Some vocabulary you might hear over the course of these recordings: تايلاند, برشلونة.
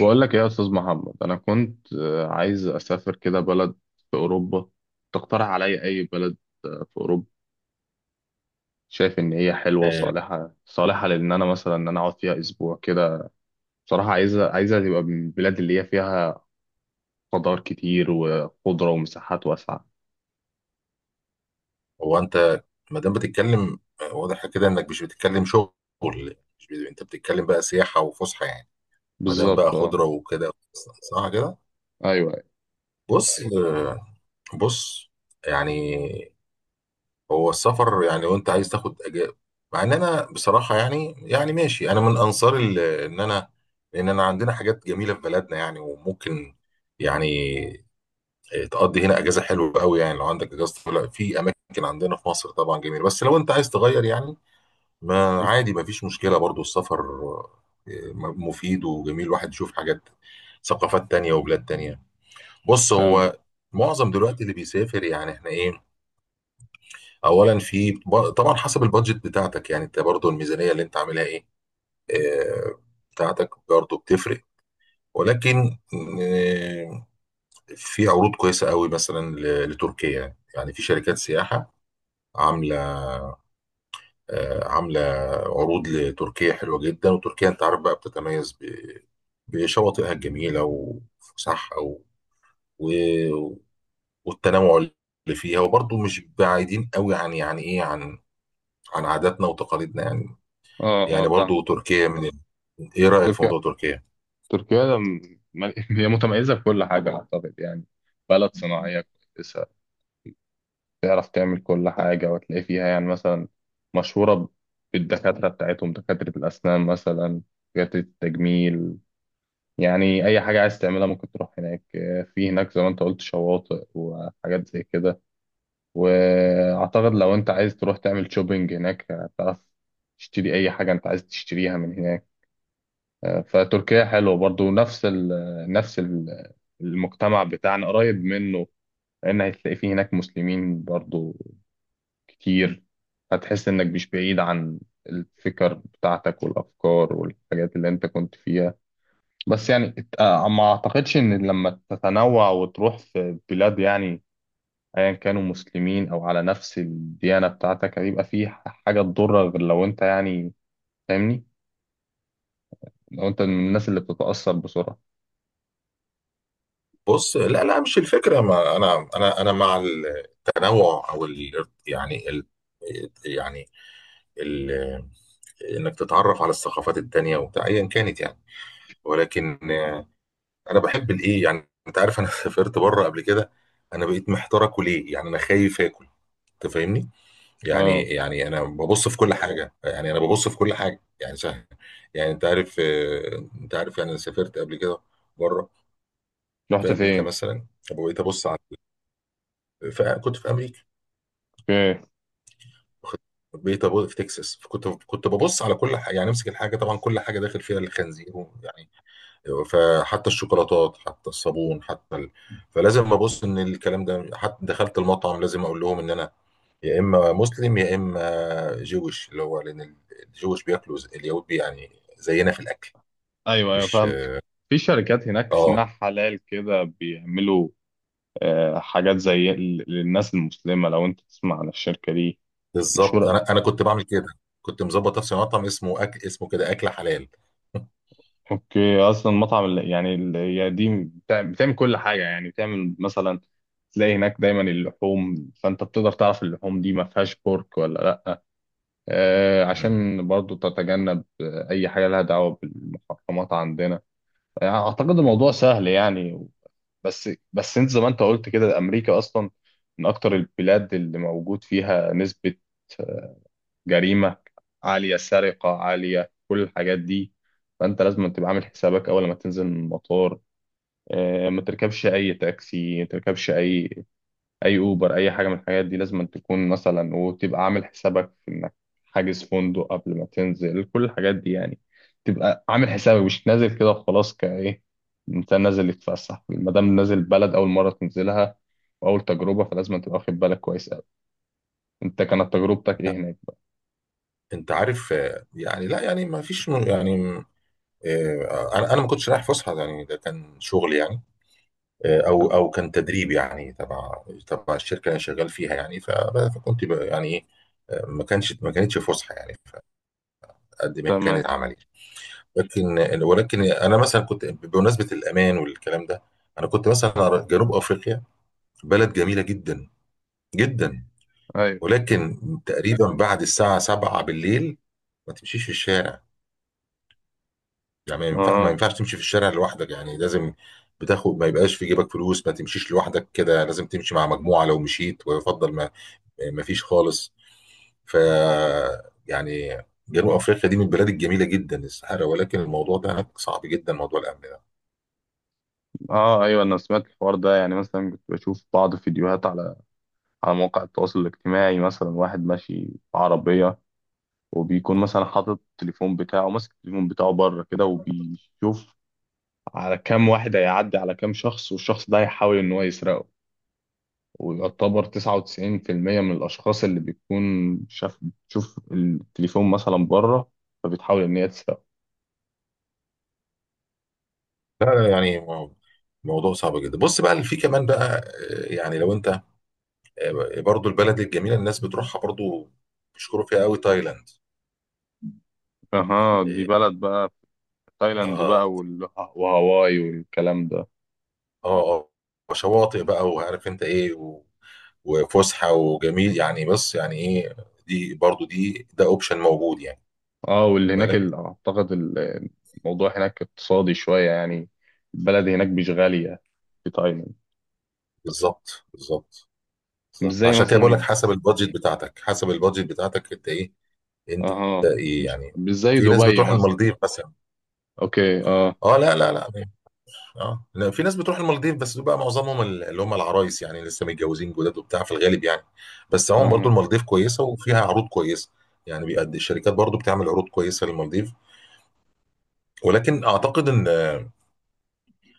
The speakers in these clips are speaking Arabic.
بقول لك إيه يا استاذ محمد. انا كنت عايز اسافر كده بلد في اوروبا. تقترح عليا اي بلد؟ في اوروبا. شايف ان هي حلوه آه، وصالحه صالحه لان انا مثلا ان انا اقعد فيها اسبوع كده. بصراحه عايزه عايزه تبقى من البلاد اللي هي فيها خضار كتير وخضره ومساحات واسعه. هو انت، ما دام بتتكلم واضح كده انك مش بتتكلم شغل. مش انت بتتكلم بقى سياحه وفسحه يعني. ما دام بقى بالظبط، اه. خضره وكده، صح كده. ايوه. بص آه، بص، يعني هو السفر، يعني لو انت عايز تاخد أجازة. مع ان انا بصراحه يعني ماشي، انا من انصار ال- ان انا لان انا عندنا حاجات جميله في بلدنا يعني، وممكن يعني تقضي هنا اجازه حلوه قوي، يعني لو عندك اجازه طويله في اماكن. عندنا في مصر طبعا جميله، بس لو انت عايز تغير يعني، ما ايوه. عادي، ما فيش مشكلة برضو السفر. مفيد وجميل الواحد يشوف حاجات، ثقافات تانية وبلاد تانية. بص، تمام. هو معظم دلوقتي اللي بيسافر يعني احنا ايه، اولا في طبعا حسب البادجت بتاعتك، يعني انت برضو الميزانية اللي انت عاملها ايه، آه، بتاعتك برضو بتفرق. ولكن آه، في عروض كويسة قوي مثلا لتركيا، يعني في شركات سياحة عاملة، آه، عاملة عروض لتركيا حلوة جدا. وتركيا انت عارف بقى بتتميز بشواطئها الجميلة وفسحها، و... و... والتنوع اللي فيها، وبرضه مش بعيدين قوي عن، يعني ايه، عن عاداتنا وتقاليدنا يعني. اه اه، يعني فاهم. برضه تركيا. ايه رأيك في تركيا. موضوع تركيا؟ تركيا ده م- هي متميزه في كل حاجه، اعتقد يعني. بلد صناعيه كويسه. تعرف تعمل كل حاجة وتلاقي فيها يعني، مثلا مشهورة بالدكاترة بتاعتهم، دكاترة الأسنان مثلا، دكاترة التجميل. يعني أي حاجة عايز تعملها ممكن تروح هناك. في هناك زي ما أنت قلت شواطئ وحاجات زي كده. وأعتقد لو أنت عايز تروح تعمل شوبينج هناك، هتعرف تشتري أي حاجة أنت عايز تشتريها من هناك. فتركيا حلوة برضو، نفس ال- المجتمع بتاعنا قريب منه، لأن هتلاقي فيه هناك مسلمين برضو كتير. هتحس إنك مش بعيد عن الفكر بتاعتك والأفكار والحاجات اللي أنت كنت فيها. بس يعني ما أعتقدش إن لما تتنوع وتروح في بلاد، يعني أيا كانوا مسلمين أو على نفس الديانة بتاعتك، هيبقى في حاجة تضرك، غير لو أنت يعني فاهمني، لو أنت من الناس اللي بتتأثر بسرعة. بص، لا، لا، مش الفكرة. ما انا مع التنوع، او يعني يعني ال... انك تتعرف على الثقافات التانية وبتاع ايا كانت يعني. ولكن انا بحب الايه، يعني انت عارف، انا سافرت بره قبل كده. انا بقيت محتار اكل ايه يعني، انا خايف اكل، انت فاهمني. يعني اه. يعني انا ببص في كل حاجه، يعني انا ببص في كل حاجه يعني سهل. يعني انت عارف، يعني انا سافرت قبل كده بره، رحت في امريكا فين؟ مثلا. بقيت ابص على فكنت في امريكا، اوكي. واخد- بقيت ابص في تكساس، كنت ببص على كل حاجه، يعني امسك الحاجه. طبعا كل حاجه داخل فيها الخنزير يعني، فحتى الشوكولاتات، حتى الصابون، فلازم ابص ان الكلام ده. حتى دخلت المطعم لازم اقول لهم ان انا يا اما مسلم يا اما جويش، اللي هو لان الجويش بياكلوا اليهود يعني زينا في الاكل. ايوه ايوه، مش. فاهمك. في شركات هناك اه، اسمها حلال، كده بيعملوا حاجات زي للناس المسلمة، لو أنت تسمع عن الشركة دي بالظبط، مشهورة. انا كنت بعمل كده. كنت مظبط نفسي مطعم اسمه اكل، اسمه كده اكل حلال. أوكي، أصلا مطعم يعني هي دي بتعمل كل حاجة يعني، بتعمل مثلا تلاقي هناك دايما اللحوم، فأنت بتقدر تعرف اللحوم دي ما فيهاش بورك ولا لأ، مم. عشان برضو تتجنب أي حاجة لها دعوة بالمحرمات عندنا. يعني أعتقد الموضوع سهل يعني. بس أنت زي ما أنت قلت كده، أمريكا أصلا من أكتر البلاد اللي موجود فيها نسبة جريمة عالية، سرقة عالية، كل الحاجات دي. فأنت لازم تبقى عامل حسابك أول ما تنزل من المطار، ما تركبش أي تاكسي، ما تركبش أي أوبر، أي حاجة من الحاجات دي. لازم تكون مثلا وتبقى عامل حسابك في إنك حاجز فندق قبل ما تنزل، كل الحاجات دي يعني. تبقى عامل حسابك مش نازل كده وخلاص، كإيه إنسان نازل يتفسح. مادام نازل بلد أول مرة تنزلها وأول تجربة، فلازم تبقى واخد بالك كويس أوي. أنت كانت تجربتك إيه هناك بقى؟ انت عارف، يعني لا يعني ما فيش يعني انا ما كنتش رايح فسحه يعني، ده كان شغل يعني. او تمام. او كان تدريب يعني، تبع الشركه اللي انا شغال فيها يعني. فكنت يعني ايه، ما كانش، ما كانتش فسحه يعني، قد ما كانت تمام. عملي. ولكن انا مثلا كنت بمناسبه الامان والكلام ده، انا كنت مثلا أرى جنوب افريقيا بلد جميله جدا، جدا، أيوه. ولكن تقريبا بعد الساعه 7 بالليل ما تمشيش في الشارع، يعني ما اه ينفعش تمشي في الشارع لوحدك، يعني لازم بتاخد، ما يبقاش في جيبك فلوس، ما تمشيش لوحدك كده، لازم تمشي مع مجموعه لو مشيت، ويفضل مفيش خالص. ف، يعني، جنوب افريقيا دي من البلاد الجميله جدا، الصحراء، ولكن الموضوع ده هناك صعب جدا، موضوع الامن ده. اه، ايوه، انا سمعت الحوار ده. يعني مثلا كنت بشوف بعض فيديوهات على مواقع التواصل الاجتماعي، مثلا واحد ماشي بعربية، وبيكون مثلا حاطط التليفون بتاعه، ماسك التليفون بتاعه بره كده، وبيشوف على كام واحد هيعدي، على كام شخص، والشخص ده هيحاول ان هو يسرقه. ويعتبر 99% من الاشخاص اللي بيكون شاف بتشوف التليفون مثلا بره، فبتحاول ان هي تسرقه. لا، يعني موضوع صعب جدا. بص بقى، في كمان بقى يعني لو انت برضو البلد الجميله الناس بتروحها برضو بيشكروا فيها قوي، تايلاند. اها، دي بلد بقى. في تايلاند بقى اه، وهاواي والكلام ده. اه، اه، شواطئ بقى، وعارف انت ايه وفسحه وجميل يعني، بص يعني ايه، دي برضو دي ده اوبشن موجود يعني. اه، واللي هناك بالك. اعتقد الموضوع هناك اقتصادي شوية يعني. البلد هناك مش غالية، في تايلاند. بالظبط، بالظبط، مش بالظبط. زي عشان كده بقول لك مثلا، حسب البادجت بتاعتك، انت ايه، انت اه، مش يعني. مش زي في ناس دبي بتروح مثلا. المالديف مثلا. اوكي، اه، اه، لا، لا، لا. اه، لا، في ناس بتروح المالديف بس بقى معظمهم اللي هم العرايس، يعني لسه متجوزين جداد وبتاع في الغالب يعني. بس هم برضو فاهم. المالديف كويسه وفيها عروض كويسه، يعني بيقد الشركات برضو بتعمل عروض كويسه للمالديف. ولكن اعتقد ان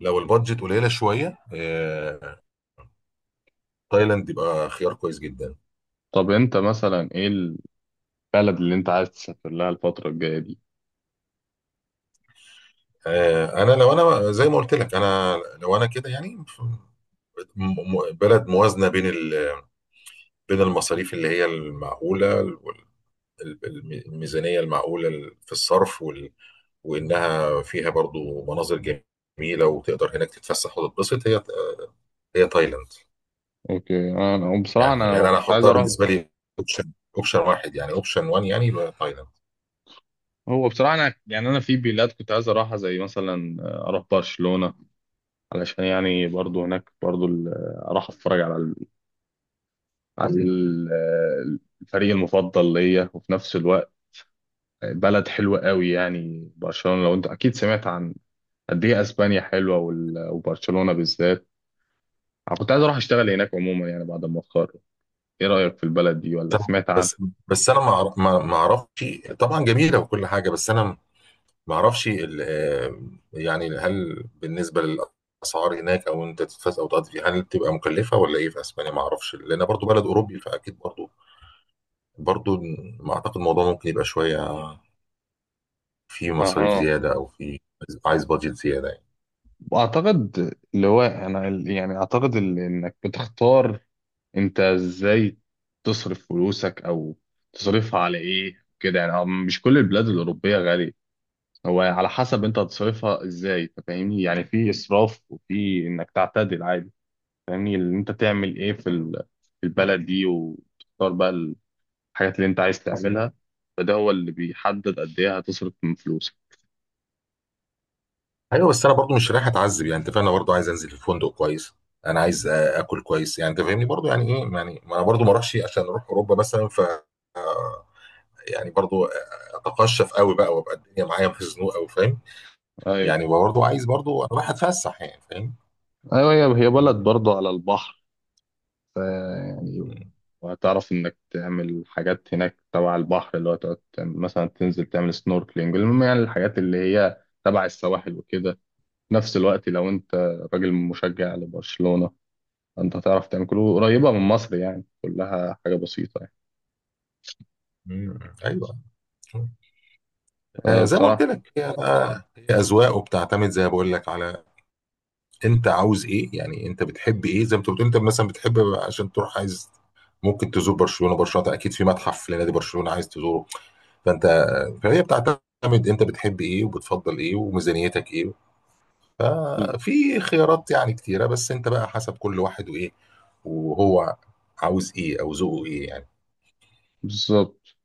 لو البادجت قليله شويه، تايلاند يبقى خيار كويس جدا. طب انت مثلا ايه البلد اللي انت عايز تسافر لها الفترة الجاية دي؟ انا لو انا زي ما قلت لك، انا لو انا كده يعني، بلد موازنة بين بين المصاريف اللي هي المعقولة وال- الميزانية المعقولة في الصرف، وإنها فيها برضو مناظر جميلة، وتقدر هناك تتفسح وتتبسط، هي تايلاند. اوكي، انا بصراحة يعني انا يعني كنت أنا عايز أحطها اروح. بالنسبة لي أوبشن أوبشن واحد، يعني أوبشن 1، يعني يبقى تايلاند. هو بصراحة انا يعني انا في بلاد كنت عايز اروحها، زي مثلا اروح برشلونة، علشان يعني برضو هناك برضو اروح اتفرج على عن ال- آه، الفريق المفضل ليا. وفي نفس الوقت بلد حلوة قوي يعني برشلونة، لو انت اكيد سمعت عن قد ايه اسبانيا حلوة وبرشلونة بالذات. انا كنت عايز اروح اشتغل هناك عموما يعني بعد ما اتخرج. ايه رأيك في البلد دي، ولا سمعت عنها؟ بس بس أنا ما أعرفش. طبعا جميلة وكل حاجة، بس أنا معرفش يعني هل بالنسبة للأسعار هناك أو أنت تدفع أو تقضي فيها، هل بتبقى مكلفة ولا إيه في أسبانيا، معرفش لأن برضو بلد أوروبي، فأكيد برضو، برضو ما أعتقد الموضوع ممكن يبقى شوية، في مصاريف اها، زيادة أو في، عايز بادجت زيادة يعني. واعتقد اللي هو انا يعني اعتقد انك بتختار انت ازاي تصرف فلوسك او تصرفها على ايه كده يعني. مش كل البلاد الأوروبية غالية، هو على حسب انت هتصرفها ازاي. انت فاهمني، يعني في اسراف وفي انك تعتدل عادي. فاهمني، اللي انت تعمل ايه في في البلد دي، وتختار بقى الحاجات اللي انت عايز تعملها. فده هو اللي بيحدد قد ايه هتصرف من فلوسك. أيوه، بس أنا برضو مش رايح أتعذب، يعني أنت فاهم، أنا برضو عايز أنزل في فندق كويس، أنا عايز آكل كويس، يعني أنت فاهمني برضو يعني إيه، يعني ما أنا برضو ما أروحش عشان أروح أوروبا مثلا، ف يعني برضو اتقشف قوي بقى وابقى الدنيا معايا مخزنوق قوي، فاهم. ايوه يعني برضو عايز، برضو انا رايح اتفسح يعني، فاهم. ايوه، هي بلد مم. برضه على البحر، ف يعني، وهتعرف انك تعمل حاجات هناك تبع البحر، اللي هو تقعد مثلا تنزل تعمل سنوركلينج، المهم يعني الحاجات اللي هي تبع السواحل وكده. في نفس الوقت لو انت راجل مشجع لبرشلونة، انت هتعرف تعمل كله قريبة من مصر يعني، كلها حاجة بسيطة يعني. مم. ايوه. مم. أه، زي ما قلت بصراحة. لك، هي اذواق وبتعتمد زي ما بقول لك على، انت عاوز ايه، يعني انت بتحب ايه، زي ما انت بتقول انت مثلا بتحب عشان تروح، عايز ممكن تزور برشلونه. برشلونه ده اكيد في متحف لنادي برشلونه عايز تزوره، فانت فهي بتعتمد انت بتحب ايه وبتفضل ايه وميزانيتك ايه. بز- ففي خيارات يعني كتيرة، بس انت بقى حسب كل واحد، وايه وهو عاوز ايه او ذوقه ايه يعني. بالظبط.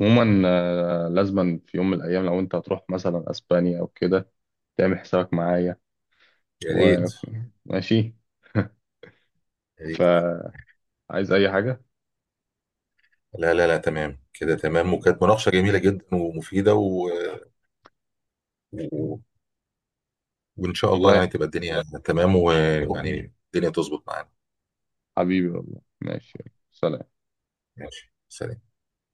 عموما لازما في يوم من الأيام لو أنت هتروح مثلا أسبانيا أو كده تعمل حسابك معايا، يا ريت، وماشي. يا ريت. فعايز أي حاجة. لا، لا، لا، تمام كده، تمام. وكانت مناقشة جميلة جدا ومفيدة، و... و... وان شاء الله والله يعني تبقى الدنيا تمام، ويعني الدنيا تظبط معانا. حبيبي، والله ماشي. يلا، سلام. ماشي، سلام.